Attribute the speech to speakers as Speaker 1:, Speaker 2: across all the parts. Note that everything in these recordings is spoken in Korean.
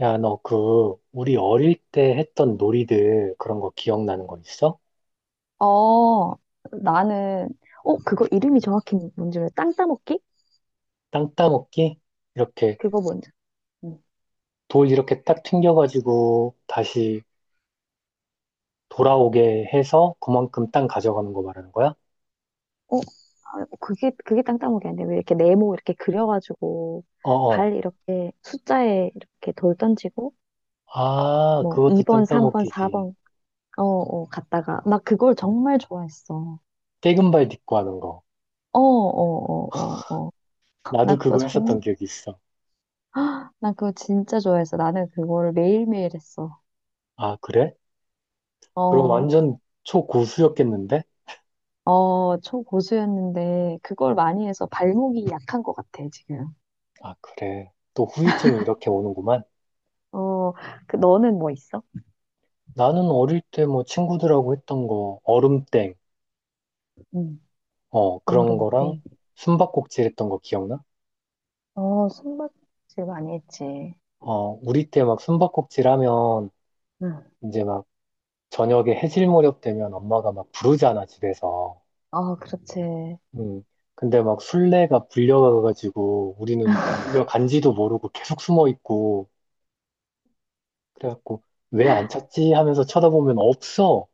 Speaker 1: 야, 너 그, 우리 어릴 때 했던 놀이들 그런 거 기억나는 거 있어?
Speaker 2: 어, 나는, 그거 이름이 정확히 뭔지 몰라. 땅 따먹기?
Speaker 1: 땅 따먹기? 이렇게
Speaker 2: 그거 뭔지. 음.
Speaker 1: 돌 이렇게 딱 튕겨가지고 다시 돌아오게 해서 그만큼 땅 가져가는 거 말하는 거야?
Speaker 2: 어, 아, 그게 땅 따먹기 아닌데, 왜 이렇게 네모 이렇게 그려가지고,
Speaker 1: 어어.
Speaker 2: 발 이렇게 숫자에 이렇게 돌 던지고,
Speaker 1: 아,
Speaker 2: 뭐,
Speaker 1: 그것도
Speaker 2: 2번,
Speaker 1: 땅
Speaker 2: 3번,
Speaker 1: 따먹기지.
Speaker 2: 4번, 갔다가, 나 그걸 정말 좋아했어.
Speaker 1: 떼금발 딛고 하는 거.
Speaker 2: 어, 어, 어, 어, 어.
Speaker 1: 나도
Speaker 2: 나 그거
Speaker 1: 그거 했었던
Speaker 2: 정말,
Speaker 1: 기억이 있어.
Speaker 2: 나 그거 진짜 좋아했어. 나는 그거를 매일매일 했어.
Speaker 1: 아, 그래? 그럼
Speaker 2: 어,
Speaker 1: 완전 초고수였겠는데?
Speaker 2: 어, 초고수였는데, 그걸 많이 해서 발목이 약한 것 같아, 지금.
Speaker 1: 아, 그래. 또 후유증이 이렇게 오는구만.
Speaker 2: 어, 너는 뭐 있어?
Speaker 1: 나는 어릴 때 뭐 친구들하고 했던 거, 얼음땡.
Speaker 2: 응.
Speaker 1: 어, 그런
Speaker 2: 어른
Speaker 1: 거랑
Speaker 2: 때.
Speaker 1: 숨바꼭질 했던 거 기억나?
Speaker 2: 어, 숨바꼭질 많이 했지.
Speaker 1: 어, 우리 때 막 숨바꼭질 하면
Speaker 2: 응.
Speaker 1: 이제 막 저녁에 해질 무렵 되면 엄마가 막 부르잖아, 집에서.
Speaker 2: 아, 그렇지.
Speaker 1: 음. 근데 막 술래가 불려가가지고 우리는 불려간지도 모르고 계속 숨어 있고 그래갖고 왜 안 찾지 하면서 쳐다보면 없어.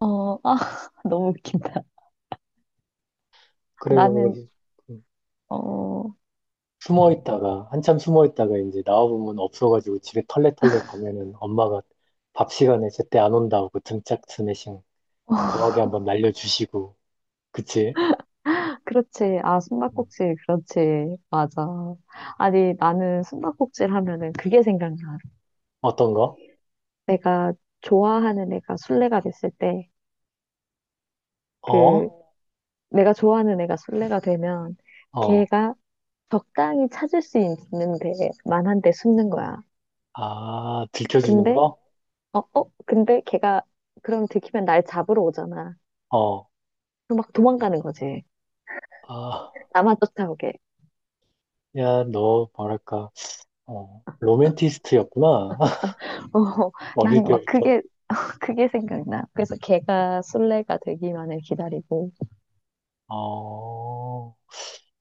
Speaker 2: 아, 너무 웃긴다. 나는,
Speaker 1: 그래가지고 음,
Speaker 2: 어, 어,
Speaker 1: 숨어 있다가 한참 숨어 있다가 이제 나와보면 없어가지고 집에 털레털레 가면은 엄마가 밥 시간에 제때 안 온다고 등짝 스매싱 거하게 한번 날려주시고, 그치?
Speaker 2: 그렇지. 아,
Speaker 1: 음.
Speaker 2: 숨바꼭질, 그렇지. 맞아. 아니, 나는 숨바꼭질 하면은 그게 생각나.
Speaker 1: 어떤 거?
Speaker 2: 내가 좋아하는 애가 술래가 됐을 때, 그,
Speaker 1: 어?
Speaker 2: 내가 좋아하는 애가 술래가 되면,
Speaker 1: 어, 어.
Speaker 2: 걔가 적당히 찾을 수 있는 데만한 데 숨는 거야.
Speaker 1: 아, 들켜주는
Speaker 2: 근데
Speaker 1: 거?
Speaker 2: 근데 걔가 그럼 들키면 날 잡으러 오잖아.
Speaker 1: 어.
Speaker 2: 그럼 막 도망가는 거지.
Speaker 1: 아,
Speaker 2: 나만 쫓아오게.
Speaker 1: 야, 너, 뭐랄까, 어, 로맨티스트였구나.
Speaker 2: 어, 난
Speaker 1: 어릴
Speaker 2: 막
Speaker 1: 때부터.
Speaker 2: 그게 생각나. 그래서 걔가 술래가 되기만을 기다리고,
Speaker 1: 어,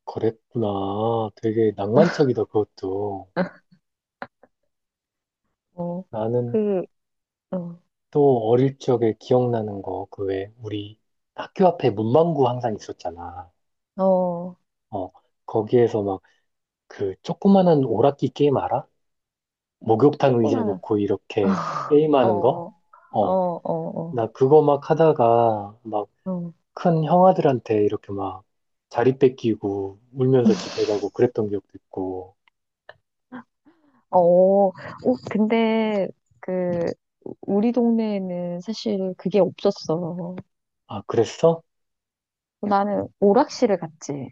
Speaker 1: 그랬구나. 되게 낭만적이다, 그것도.
Speaker 2: 어,
Speaker 1: 나는
Speaker 2: 그, 어,
Speaker 1: 또 어릴 적에 기억나는 거, 그 왜, 우리 학교 앞에 문방구 항상 있었잖아.
Speaker 2: 어,
Speaker 1: 어, 거기에서 막 그 조그마한 오락기 게임 알아? 목욕탕 의자
Speaker 2: 조그마한,
Speaker 1: 놓고 이렇게
Speaker 2: 어,
Speaker 1: 게임하는 거?
Speaker 2: 어, 어,
Speaker 1: 어,
Speaker 2: 어,
Speaker 1: 나
Speaker 2: 어,
Speaker 1: 그거 막 하다가 막
Speaker 2: 어, 어,
Speaker 1: 큰 형아들한테 이렇게 막 자리 뺏기고 울면서 집에 가고 그랬던 기억도 있고.
Speaker 2: 어. 어, 근데 그, 우리 동네에는 사실 그게 없었어.
Speaker 1: 아, 그랬어?
Speaker 2: 나는 오락실을 갔지.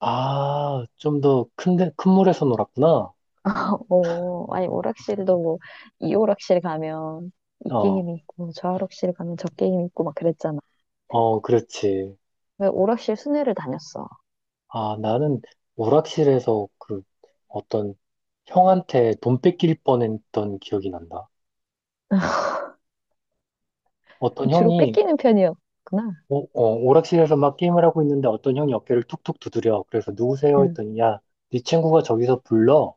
Speaker 1: 아, 좀 더 큰데, 큰 물에서 놀았구나.
Speaker 2: 어, 아니, 오락실도 뭐, 이 오락실 가면 이
Speaker 1: 어,
Speaker 2: 게임이 있고, 저 오락실 가면 저 게임이 있고, 막 그랬잖아.
Speaker 1: 어, 그렇지.
Speaker 2: 왜 오락실 순회를 다녔어.
Speaker 1: 아, 나는 오락실에서 그 어떤 형한테 돈 뺏길 뻔했던 기억이 난다. 어떤
Speaker 2: 주로
Speaker 1: 형이
Speaker 2: 뺏기는 편이었구나.
Speaker 1: 오, 어, 오락실에서 막 게임을 하고 있는데 어떤 형이 어깨를 툭툭 두드려. 그래서 누구세요?
Speaker 2: 응.
Speaker 1: 했더니, 야, 네 친구가 저기서 불러.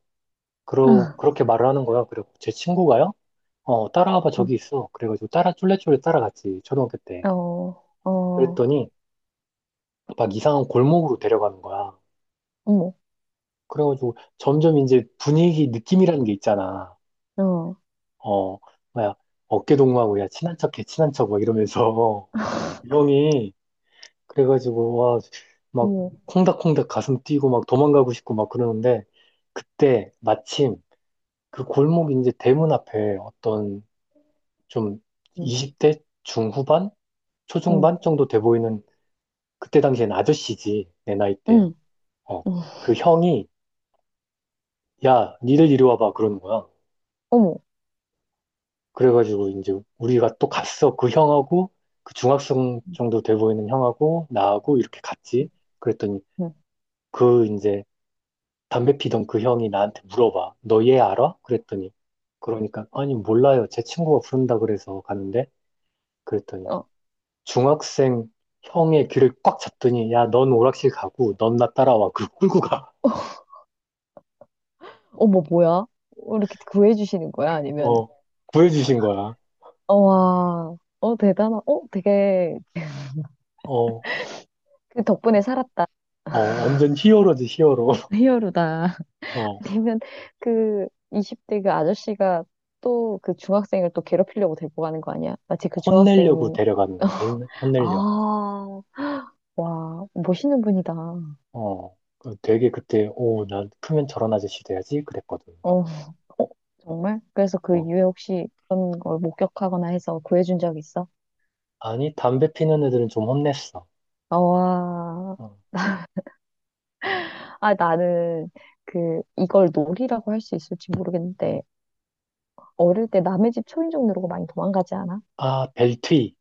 Speaker 2: 응.
Speaker 1: 그렇게 말을 하는 거야. 그리고 제 친구가요? 어, 따라와봐,
Speaker 2: 응.
Speaker 1: 저기 있어. 그래가지고 따라, 쫄래쫄래 따라갔지, 초등학교 때.
Speaker 2: 어, 어,
Speaker 1: 그랬더니, 막 이상한 골목으로 데려가는 거야.
Speaker 2: 어머,
Speaker 1: 그래가지고 점점 이제 분위기 느낌이라는 게 있잖아.
Speaker 2: 어,
Speaker 1: 어, 뭐야, 어깨 동무하고, 야, 친한 척해, 친한 척, 막 이러면서. 그 형이 그래가지고, 와, 막,
Speaker 2: 어머,
Speaker 1: 콩닥콩닥 가슴 뛰고 막 도망가고 싶고 막 그러는데, 그때 마침 그 골목 이제 대문 앞에 어떤 좀
Speaker 2: 응,
Speaker 1: 20대 중후반?
Speaker 2: 응,
Speaker 1: 초중반 정도 돼 보이는 그때 당시엔 아저씨지, 내 나이 땐.
Speaker 2: 응,
Speaker 1: 어,
Speaker 2: 응.
Speaker 1: 그 형이, 야, 니들 이리 와봐. 그러는 거야.
Speaker 2: 어머,
Speaker 1: 그래가지고 이제 우리가 또 갔어. 그 형하고, 그 중학생
Speaker 2: 응,
Speaker 1: 정도 돼 보이는 형하고, 나하고 이렇게 갔지. 그랬더니
Speaker 2: 응.
Speaker 1: 그 이제 담배 피던 그 형이 나한테 물어봐. 너 얘 알아? 그랬더니 그러니까 아니 몰라요. 제 친구가 부른다 그래서 가는데 그랬더니
Speaker 2: 어,
Speaker 1: 중학생 형의 귀를 꽉 잡더니 야, 넌 오락실 가고 넌 나 따라와. 그 끌고 가.
Speaker 2: 어머, 뭐야? 어, 이렇게 구해주시는 거야? 아니면,
Speaker 1: 어. 구해주신 거야.
Speaker 2: 어, 와,
Speaker 1: 어.
Speaker 2: 그 덕분에 살았다.
Speaker 1: 어, 완전 히어로지, 히어로.
Speaker 2: 히어로다.
Speaker 1: 어.
Speaker 2: 되면 그 20대 그 아저씨가 또 그 중학생을 또 괴롭히려고 데리고 가는 거 아니야? 마치 그
Speaker 1: 혼내려고
Speaker 2: 중학생이.
Speaker 1: 데려가는 거지. 혼내려고.
Speaker 2: 아, 와, 멋있는 분이다.
Speaker 1: 어. 그 되게 그때 오, 난 크면 저런 아저씨 돼야지 그랬거든.
Speaker 2: 어, 정말? 그래서 그
Speaker 1: 어.
Speaker 2: 이후에 혹시 그런 걸 목격하거나 해서 구해준 적 있어?
Speaker 1: 아니 담배 피는 애들은 좀 혼냈어.
Speaker 2: 아, 와,
Speaker 1: 어.
Speaker 2: 아, 나는 이걸 놀이라고 할 수 있을지 모르겠는데, 어릴 때 남의 집 초인종 누르고 많이 도망가지 않아?
Speaker 1: 아, 벨트이.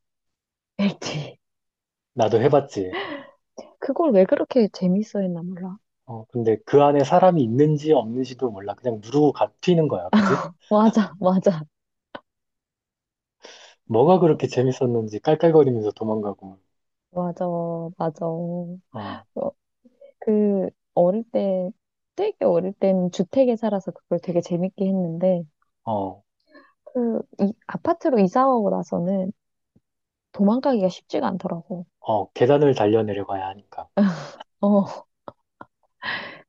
Speaker 2: 애티
Speaker 1: 나도 해봤지.
Speaker 2: 그걸 왜 그렇게 재밌어 했나 몰라.
Speaker 1: 어, 근데 그 안에 사람이 있는지 없는지도 몰라. 그냥 누르고 가 튀는 거야. 그지?
Speaker 2: 맞아, 맞아.
Speaker 1: 뭐가 그렇게 재밌었는지 깔깔거리면서 도망가고,
Speaker 2: 맞아, 맞아.
Speaker 1: 어,
Speaker 2: 그, 어릴 때, 되게 어릴 때는 주택에 살아서 그걸 되게 재밌게 했는데,
Speaker 1: 어,
Speaker 2: 아파트로 이사 오고 나서는 도망가기가 쉽지가 않더라고.
Speaker 1: 어, 계단을 달려내려가야 하니까.
Speaker 2: 어,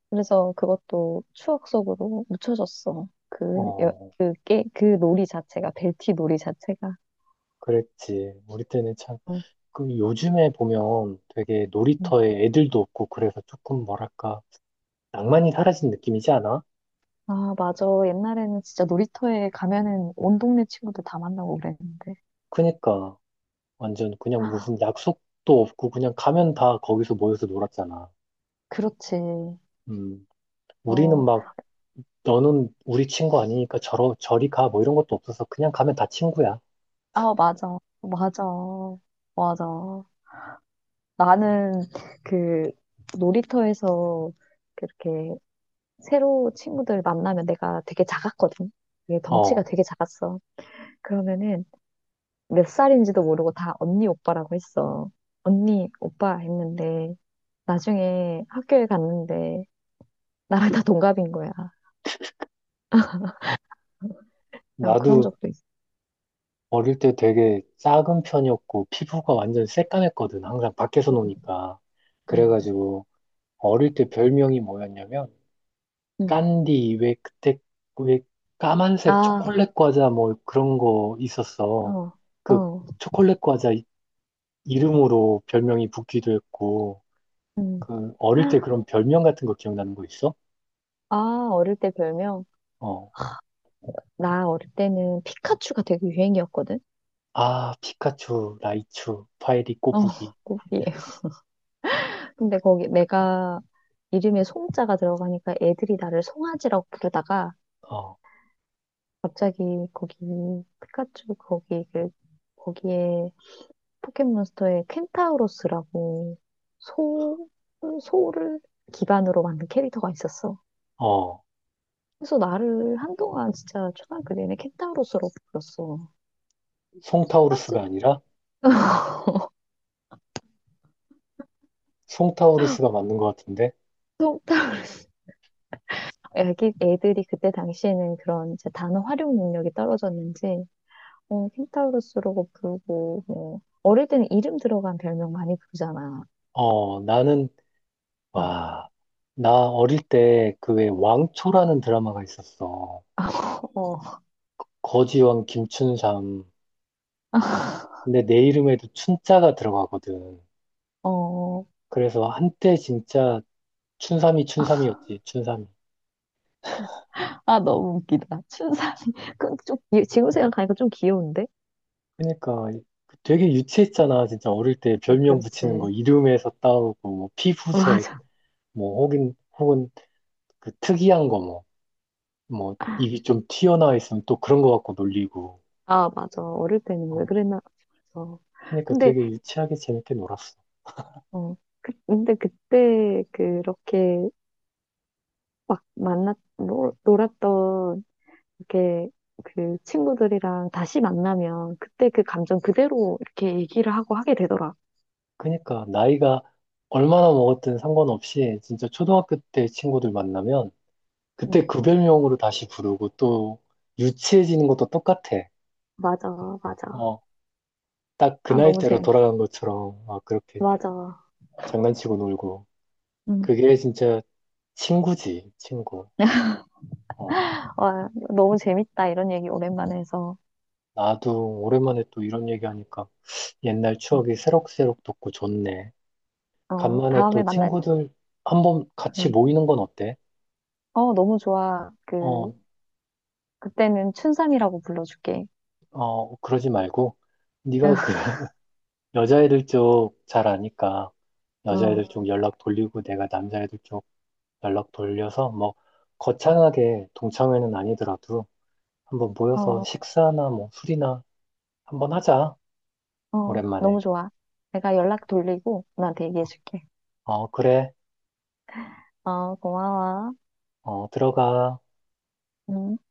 Speaker 2: 그래서 그것도 추억 속으로 묻혀졌어.
Speaker 1: 어,
Speaker 2: 그 놀이 자체가, 벨티 놀이 자체가.
Speaker 1: 그랬지. 우리 때는 참,
Speaker 2: 어,
Speaker 1: 그 요즘에 보면 되게
Speaker 2: 음.
Speaker 1: 놀이터에 애들도 없고 그래서 조금 뭐랄까, 낭만이 사라진 느낌이지 않아?
Speaker 2: 아, 맞아. 옛날에는 진짜 놀이터에 가면은 온 동네 친구들 다 만나고 그랬는데.
Speaker 1: 그니까, 완전 그냥 무슨 약속도 없고 그냥 가면 다 거기서 모여서 놀았잖아.
Speaker 2: 그렇지.
Speaker 1: 음. 우리는
Speaker 2: 어,
Speaker 1: 막 너는 우리 친구 아니니까 저리 가, 뭐 이런 것도 없어서 그냥 가면 다 친구야.
Speaker 2: 아, 맞아. 맞아. 맞아. 나는 그 놀이터에서 그렇게 새로 친구들 만나면 내가 되게 작았거든. 되게 덩치가
Speaker 1: 어,
Speaker 2: 되게 작았어. 그러면은 몇 살인지도 모르고 다 언니 오빠라고 했어. 언니 오빠 했는데 나중에 학교에 갔는데 나랑 다 동갑인 거야. 야, 그런
Speaker 1: 나도
Speaker 2: 적도 있어.
Speaker 1: 어릴 때 되게 작은 편이었고, 피부가 완전 새까맸거든. 항상 밖에서
Speaker 2: 응,
Speaker 1: 노니까.
Speaker 2: 응,
Speaker 1: 그래가지고, 어릴 때 별명이 뭐였냐면,
Speaker 2: 응.
Speaker 1: 깐디, 왜 그때, 왜 까만색
Speaker 2: 아,
Speaker 1: 초콜릿 과자 뭐 그런 거 있었어.
Speaker 2: 어,
Speaker 1: 그
Speaker 2: 어.
Speaker 1: 초콜릿 과자 이- 이름으로 별명이 붙기도 했고,
Speaker 2: 응.
Speaker 1: 그 어릴 때 그런 별명 같은 거 기억나는 거 있어?
Speaker 2: 아, 어릴 때 별명?
Speaker 1: 어.
Speaker 2: 나 어릴 때는 피카츄가 되게 유행이었거든.
Speaker 1: 아, 피카츄, 라이츄, 파이리,
Speaker 2: 어,
Speaker 1: 꼬부기.
Speaker 2: 꼬리에. 근데 거기 내가 이름에 송자가 들어가니까 애들이 나를 송아지라고 부르다가
Speaker 1: 어,
Speaker 2: 갑자기 거기 피카츄 거기 거기에 포켓몬스터에 켄타우로스라고 소 소를 기반으로 만든 캐릭터가 있었어.
Speaker 1: 어,
Speaker 2: 그래서 나를 한동안 진짜 초등학교 내내 켄타우로스로 불렀어. 송아지?
Speaker 1: 송타우루스가 아니라 송타우루스가 맞는 것 같은데.
Speaker 2: 송타 애들이 그때 당시에는 그런 이제 단어 활용 능력이 떨어졌는지, 어, 켄타우로스라고 부르고, 뭐, 어릴 때는 이름 들어간 별명 많이 부르잖아.
Speaker 1: 어, 나는
Speaker 2: 응.
Speaker 1: 와, 나 어릴 때 그 왜 왕초라는 드라마가 있었어.
Speaker 2: 어,
Speaker 1: 거지왕 김춘삼. 근데 내 이름에도 춘자가 들어가거든.
Speaker 2: 어,
Speaker 1: 그래서 한때 진짜 춘삼이 춘삼이었지, 춘삼이.
Speaker 2: 아, 너무 웃기다. 춘삼이. 지금 생각하니까 좀 귀여운데?
Speaker 1: 그러니까 되게 유치했잖아. 진짜 어릴 때
Speaker 2: 응,
Speaker 1: 별명 붙이는 거
Speaker 2: 그렇지.
Speaker 1: 이름에서 따오고 뭐 피부색
Speaker 2: 맞아.
Speaker 1: 뭐 혹은 혹은 그 특이한 거 뭐, 뭐, 입이 좀 튀어나와 있으면 또 그런 거 갖고 놀리고.
Speaker 2: 아, 맞아. 어릴 때는 왜
Speaker 1: 어,
Speaker 2: 그랬나 싶어서.
Speaker 1: 그러니까
Speaker 2: 근데,
Speaker 1: 되게 유치하게 재밌게 놀았어.
Speaker 2: 어, 근데 그때 그렇게 막 놀았던 이렇게 그 친구들이랑 다시 만나면 그때 그 감정 그대로 이렇게 얘기를 하고 하게 되더라.
Speaker 1: 그러니까 나이가 얼마나 먹었든 상관없이 진짜 초등학교 때 친구들 만나면
Speaker 2: 응.
Speaker 1: 그때 그 별명으로 다시 부르고 또 유치해지는 것도 똑같아.
Speaker 2: 맞아, 맞아,
Speaker 1: 어, 딱 그
Speaker 2: 아, 너무
Speaker 1: 나이대로
Speaker 2: 재밌.
Speaker 1: 돌아간 것처럼 막 그렇게
Speaker 2: 맞아.
Speaker 1: 장난치고 놀고.
Speaker 2: 응.
Speaker 1: 그게 진짜 친구지, 친구. 어,
Speaker 2: 와, 너무 재밌다. 이런 얘기 오랜만에 해서.
Speaker 1: 나도 오랜만에 또 이런 얘기하니까 옛날
Speaker 2: 응.
Speaker 1: 추억이 새록새록 돋고 좋네.
Speaker 2: 어,
Speaker 1: 간만에
Speaker 2: 다음에
Speaker 1: 또
Speaker 2: 만날,
Speaker 1: 친구들 한번 같이
Speaker 2: 응.
Speaker 1: 모이는 건 어때?
Speaker 2: 어, 너무 좋아.
Speaker 1: 어,
Speaker 2: 그때는 춘삼이라고 불러줄게.
Speaker 1: 어, 그러지 말고 네가 그 여자애들 쪽 잘 아니까
Speaker 2: 어,
Speaker 1: 여자애들 쪽 연락 돌리고 내가 남자애들 쪽 연락 돌려서 뭐 거창하게 동창회는 아니더라도 한번 모여서
Speaker 2: 어,
Speaker 1: 식사나 뭐 술이나 한번 하자.
Speaker 2: 어, 너무
Speaker 1: 오랜만에.
Speaker 2: 좋아. 내가 연락 돌리고 너한테 얘기해줄게.
Speaker 1: 어, 그래.
Speaker 2: 어, 고마워.
Speaker 1: 어, 들어가.
Speaker 2: 응.